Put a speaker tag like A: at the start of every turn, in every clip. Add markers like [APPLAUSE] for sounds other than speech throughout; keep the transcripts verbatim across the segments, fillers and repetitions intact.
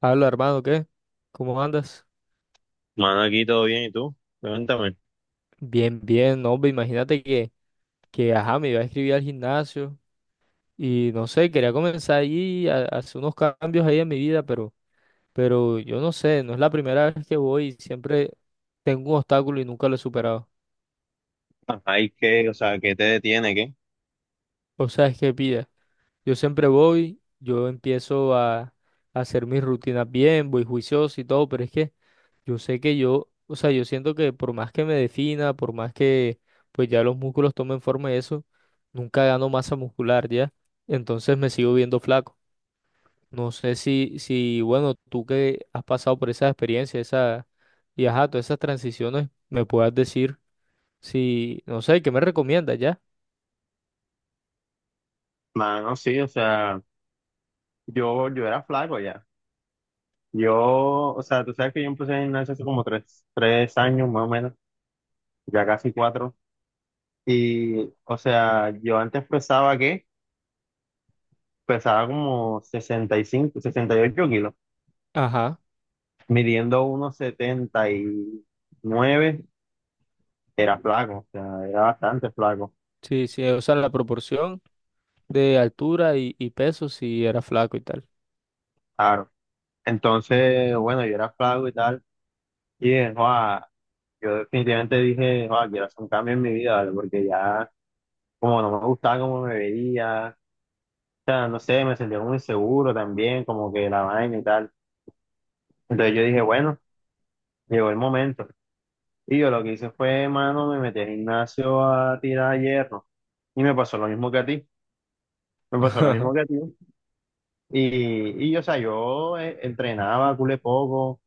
A: Habla, hermano, ¿qué? ¿Cómo andas?
B: Mano, aquí todo bien, ¿y tú? Cuéntame.
A: Bien, bien, no, hombre, imagínate que, que, ajá, me iba a escribir al gimnasio y no sé, quería comenzar allí a, a hacer unos cambios ahí en mi vida, pero, pero yo no sé, no es la primera vez que voy, y siempre tengo un obstáculo y nunca lo he superado.
B: ¿Ay qué? O sea, ¿qué te detiene, qué?
A: O sea, es que pida, yo siempre voy, yo empiezo a, a hacer mis rutinas bien, voy juicioso y todo, pero es que Yo sé que yo, o sea, yo siento que por más que me defina, por más que pues ya los músculos tomen forma y eso, nunca gano masa muscular ya. Entonces me sigo viendo flaco. No sé si, si, bueno, tú que has pasado por esa experiencia, esa, y ajá, todas esas transiciones, me puedas decir si, no sé, ¿qué me recomiendas ya?
B: Mano, sí, o sea, yo, yo era flaco ya. Yo, o sea, tú sabes que yo empecé en gimnasia hace como tres, tres años más o menos, ya casi cuatro. Y, o sea, yo antes pesaba, ¿qué? Pesaba como sesenta sesenta y cinco sesenta y ocho kilos,
A: Ajá,
B: midiendo unos setenta y nueve, era flaco, o sea, era bastante flaco,
A: sí, sí, o sea, la proporción de altura y, y peso si era flaco y tal.
B: claro. Entonces, bueno, yo era flaco y tal, y dije, yo definitivamente dije, "Ah, quiero hacer un cambio en mi vida, ¿vale?". Porque ya, como no me gustaba cómo me veía, o sea, no sé, me sentía muy seguro también, como que la vaina y tal. Entonces yo dije, bueno, llegó el momento. Y yo lo que hice fue, mano, me metí al gimnasio a tirar hierro. Y me pasó lo mismo que a ti. Me pasó lo mismo que a
A: [LAUGHS]
B: ti. Y, y o sea, yo eh, entrenaba culé poco,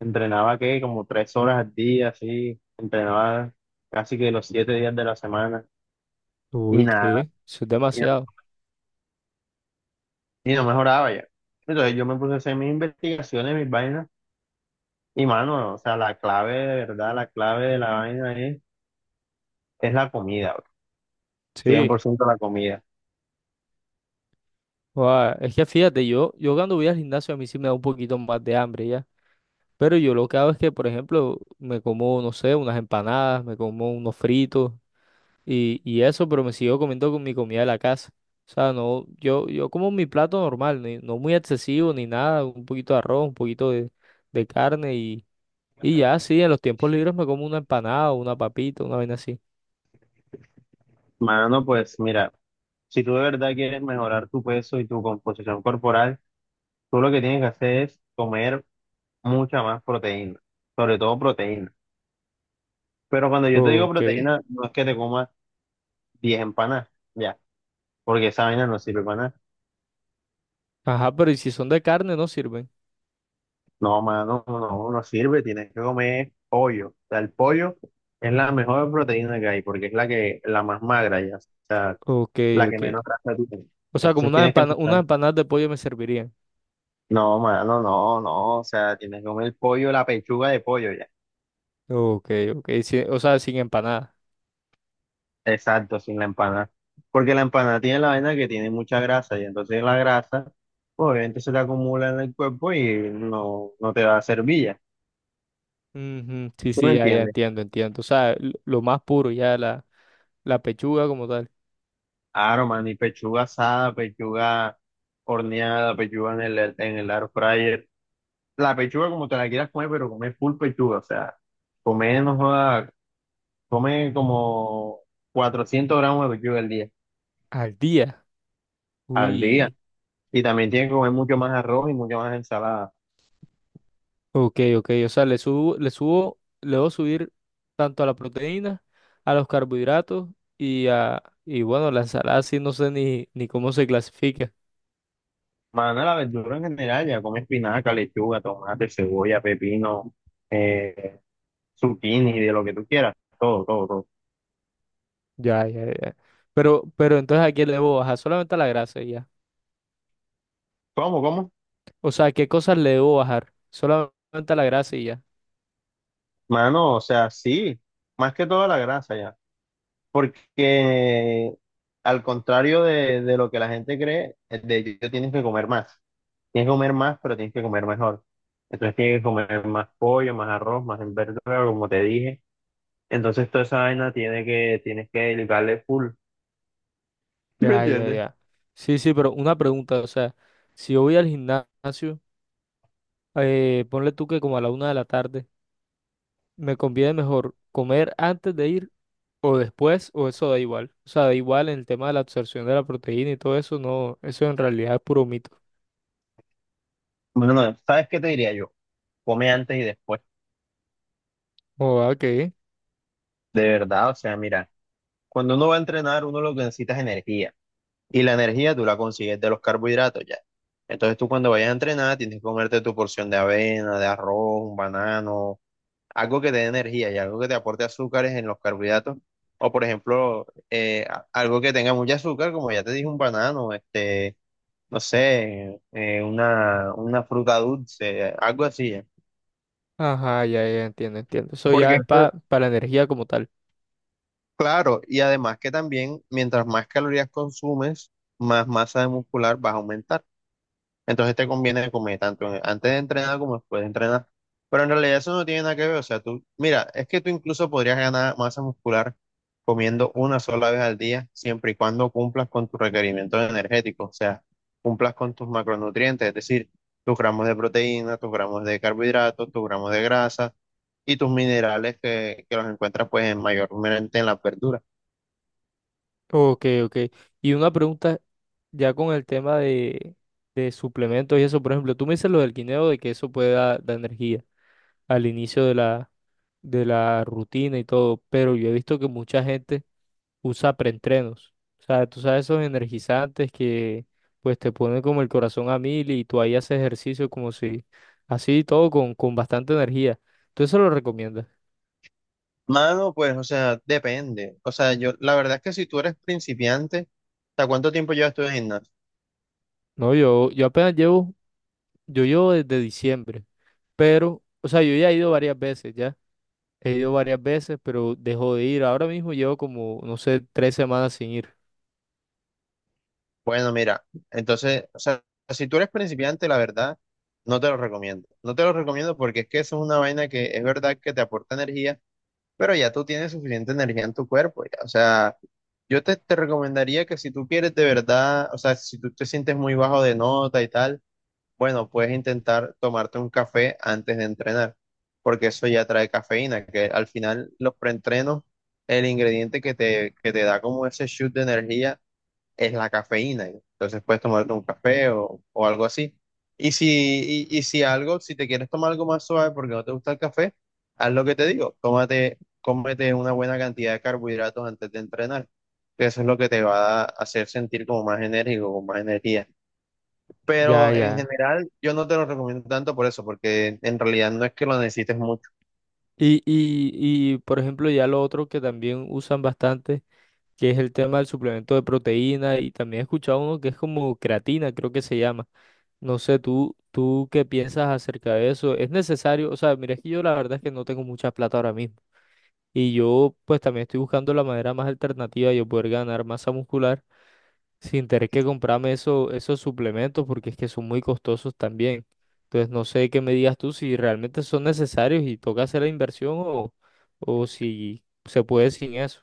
B: entrenaba que como tres horas al día, así, entrenaba casi que los siete días de la semana. Y
A: Uy,
B: nada,
A: ¿qué? Eso es demasiado.
B: y no mejoraba ya. Entonces yo me puse a hacer mis investigaciones, mis vainas, y mano, o sea, la clave de verdad, la clave de la vaina es, es la comida, bro. cien por
A: Sí.
B: ciento la comida.
A: Guau, es que fíjate, yo, yo cuando voy al gimnasio a mí sí me da un poquito más de hambre ya. Pero yo lo que hago es que, por ejemplo, me como, no sé, unas empanadas, me como unos fritos y, y eso, pero me sigo comiendo con mi comida de la casa. O sea, no, yo, yo como mi plato normal, ni- no muy excesivo ni nada, un poquito de arroz, un poquito de, de carne y, y ya, sí, en los tiempos libres me como una empanada, una papita, una vaina así.
B: Mano, pues mira, si tú de verdad quieres mejorar tu peso y tu composición corporal, tú lo que tienes que hacer es comer mucha más proteína, sobre todo proteína. Pero cuando yo te digo
A: Ok.
B: proteína, no es que te comas diez empanadas, ya, porque esa vaina no sirve para nada.
A: Ajá, ¿pero y si son de carne no sirven?
B: No, mano, no, no sirve, tienes que comer pollo. O sea, el pollo es la mejor proteína que hay porque es la que, la más magra ya, o sea,
A: Ok,
B: la que
A: ok.
B: menos grasa tiene.
A: O sea, como
B: Entonces
A: unas
B: tienes que
A: empana-
B: empezar.
A: unas empanadas de pollo me servirían.
B: No, mano, no, no, o sea, tienes que comer el pollo, la pechuga de pollo ya.
A: Ok, ok, sí, o sea, sin empanada.
B: Exacto, sin la empanada. Porque la empanada tiene la vaina que tiene mucha grasa y entonces la grasa, pues, obviamente se te acumula en el cuerpo y no, no te va a servir ya.
A: Ujú, sí,
B: ¿Tú me
A: sí, ya, ya
B: entiendes?
A: entiendo, entiendo. O sea, l- lo más puro, ya la, la pechuga como tal.
B: Claro, man, y pechuga asada, pechuga horneada, pechuga en el, en el air fryer. La pechuga como te la quieras comer, pero come full pechuga, o sea, come, no joda, come como cuatrocientos gramos de pechuga al día,
A: Al día.
B: al día.
A: Uy.
B: Y también tiene que comer mucho más arroz y mucho más ensalada.
A: Ok, ok. O sea, le subo, le subo, le debo subir tanto a la proteína, a los carbohidratos y a, y bueno, la ensalada sí no sé ni, ni cómo se clasifica.
B: Mano, la verdura en general, ya come espinaca, lechuga, tomate, cebolla, pepino, eh, zucchini, de lo que tú quieras, todo, todo, todo.
A: Ya, ya, ya. Pero, pero entonces ¿a qué le debo bajar? Solamente a la grasa y ya.
B: ¿Cómo, cómo?
A: O sea, ¿qué cosas le debo bajar? Solamente a la grasa y ya.
B: Mano, o sea, sí, más que toda la grasa ya. Porque al contrario de, de lo que la gente cree, es de hecho tienes que comer más. Tienes que comer más, pero tienes que comer mejor. Entonces tienes que comer más pollo, más arroz, más verdura, como te dije. Entonces toda esa vaina tiene que, tienes que dedicarle full. ¿Sí me
A: Ya, ya,
B: entiendes?
A: ya. Sí, sí, pero una pregunta, o sea, si yo voy al gimnasio, eh, ponle tú que como a la una de la tarde, ¿me conviene mejor comer antes de ir o después o eso da igual? O sea, da igual en el tema de la absorción de la proteína y todo eso, no, eso en realidad es puro mito.
B: Bueno, ¿no sabes qué te diría yo? Come antes y después.
A: Oh, ok.
B: De verdad, o sea, mira, cuando uno va a entrenar, uno lo que necesita es energía. Y la energía tú la consigues de los carbohidratos ya. Entonces tú cuando vayas a entrenar tienes que comerte tu porción de avena, de arroz, un banano, algo que te dé energía y algo que te aporte azúcares en los carbohidratos. O por ejemplo, eh, a- algo que tenga mucho azúcar, como ya te dije, un banano, este, no sé, eh, una, una fruta dulce, algo así, ya.
A: Ajá, ya, ya, entiendo, entiendo. Eso
B: Porque
A: ya es
B: eso,
A: pa- para la energía como tal.
B: claro, y además que también mientras más calorías consumes, más masa muscular vas a aumentar. Entonces te conviene comer tanto en- antes de entrenar como después de entrenar. Pero en realidad eso no tiene nada que ver. O sea, tú, mira, es que tú incluso podrías ganar masa muscular comiendo una sola vez al día, siempre y cuando cumplas con tus requerimientos energéticos. O sea, cumplas con tus macronutrientes, es decir, tus gramos de proteína, tus gramos de carbohidratos, tus gramos de grasa y tus minerales que, que los encuentras pues en mayormente en la verdura.
A: Ok, ok. Y una pregunta ya con el tema de, de suplementos y eso, por ejemplo, tú me dices lo del guineo de que eso puede dar dar energía al inicio de la, de la rutina y todo, pero yo he visto que mucha gente usa preentrenos. O sea, tú sabes esos energizantes que pues te ponen como el corazón a mil y tú ahí haces ejercicio como si así todo con, con bastante energía. ¿Tú eso lo recomiendas?
B: Mano, pues, o sea, depende. O sea, yo, la verdad es que si tú eres principiante, ¿hasta cuánto tiempo llevas tú en gimnasio?
A: No, yo, yo apenas llevo, yo llevo desde diciembre, pero, o sea, yo ya he ido varias veces, ya. He ido varias veces, pero dejo de ir. Ahora mismo llevo como, no sé, tres semanas sin ir.
B: Bueno, mira, entonces, o sea, si tú eres principiante, la verdad, no te lo recomiendo. No te lo recomiendo porque es que eso es una vaina que es verdad que te aporta energía, pero ya tú tienes suficiente energía en tu cuerpo, ya. O sea, yo te, te recomendaría que si tú quieres de verdad, o sea, si tú te sientes muy bajo de nota y tal, bueno, puedes intentar tomarte un café antes de entrenar, porque eso ya trae cafeína, que al final los preentrenos, el ingrediente que te, que te da como ese shoot de energía es la cafeína. Entonces puedes tomarte un café o, o algo así. Y si, y, y si algo, si te quieres tomar algo más suave porque no te gusta el café, haz lo que te digo, tómate, cómete una buena cantidad de carbohidratos antes de entrenar, que eso es lo que te va a hacer sentir como más enérgico, con más energía.
A: Ya,
B: Pero en
A: ya.
B: general, yo no te lo recomiendo tanto por eso, porque en realidad no es que lo necesites mucho.
A: Y, y, y, por ejemplo, ya lo otro que también usan bastante, que es el tema del suplemento de proteína, y también he escuchado uno que es como creatina, creo que se llama. No sé, tú, tú qué piensas acerca de eso. ¿Es necesario? O sea, mira, es que yo la verdad es que no tengo mucha plata ahora mismo. Y yo, pues también estoy buscando la manera más alternativa de yo poder ganar masa muscular sin tener que comprarme eso- esos suplementos porque es que son muy costosos también. Entonces no sé qué me digas tú si realmente son necesarios y toca hacer la inversión o, o si se puede sin eso.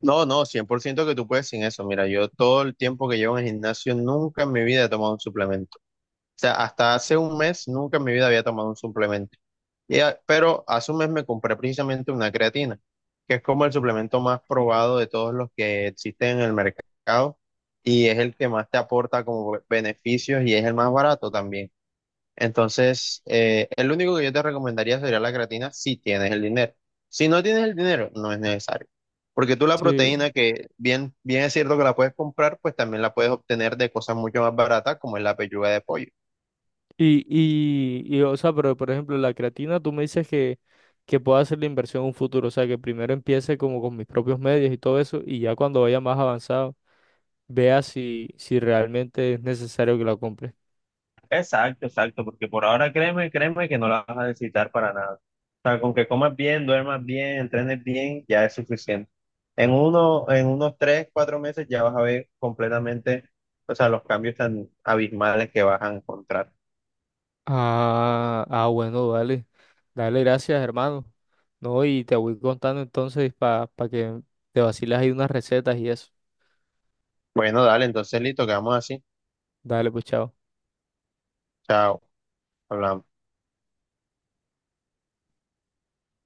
B: No, no, cien por ciento que tú puedes sin eso. Mira, yo todo el tiempo que llevo en el gimnasio, nunca en mi vida he tomado un suplemento. O sea, hasta hace un mes, nunca en mi vida había tomado un suplemento. Y a- pero hace un mes me compré precisamente una creatina, que es como el suplemento más probado de todos los que existen en el mercado y es el que más te aporta como beneficios y es el más barato también. Entonces, eh, el único que yo te recomendaría sería la creatina si tienes el dinero. Si no tienes el dinero, no es necesario. Porque tú la
A: Sí,
B: proteína, que bien, bien es cierto que la puedes comprar, pues también la puedes obtener de cosas mucho más baratas, como es la pechuga de pollo.
A: y, y, y, o sea, pero por ejemplo, la creatina, tú me dices que, que puedo hacer la inversión en un futuro, o sea, que primero empiece como con mis propios medios y todo eso, y ya cuando vaya más avanzado, vea si, si realmente es necesario que la compre.
B: Exacto, exacto, porque por ahora créeme, créeme que no la vas a necesitar para nada. O sea, con que comas bien, duermas bien, entrenes bien, ya es suficiente. En uno, en unos tres, cuatro meses ya vas a ver completamente, o sea, los cambios tan abismales que vas a encontrar.
A: Ah, ah, bueno, dale. Dale, gracias, hermano. No, y te voy contando entonces para que te vaciles ahí unas recetas y eso.
B: Bueno, dale, entonces listo, quedamos así.
A: Dale, pues, chao.
B: Chao, hablamos.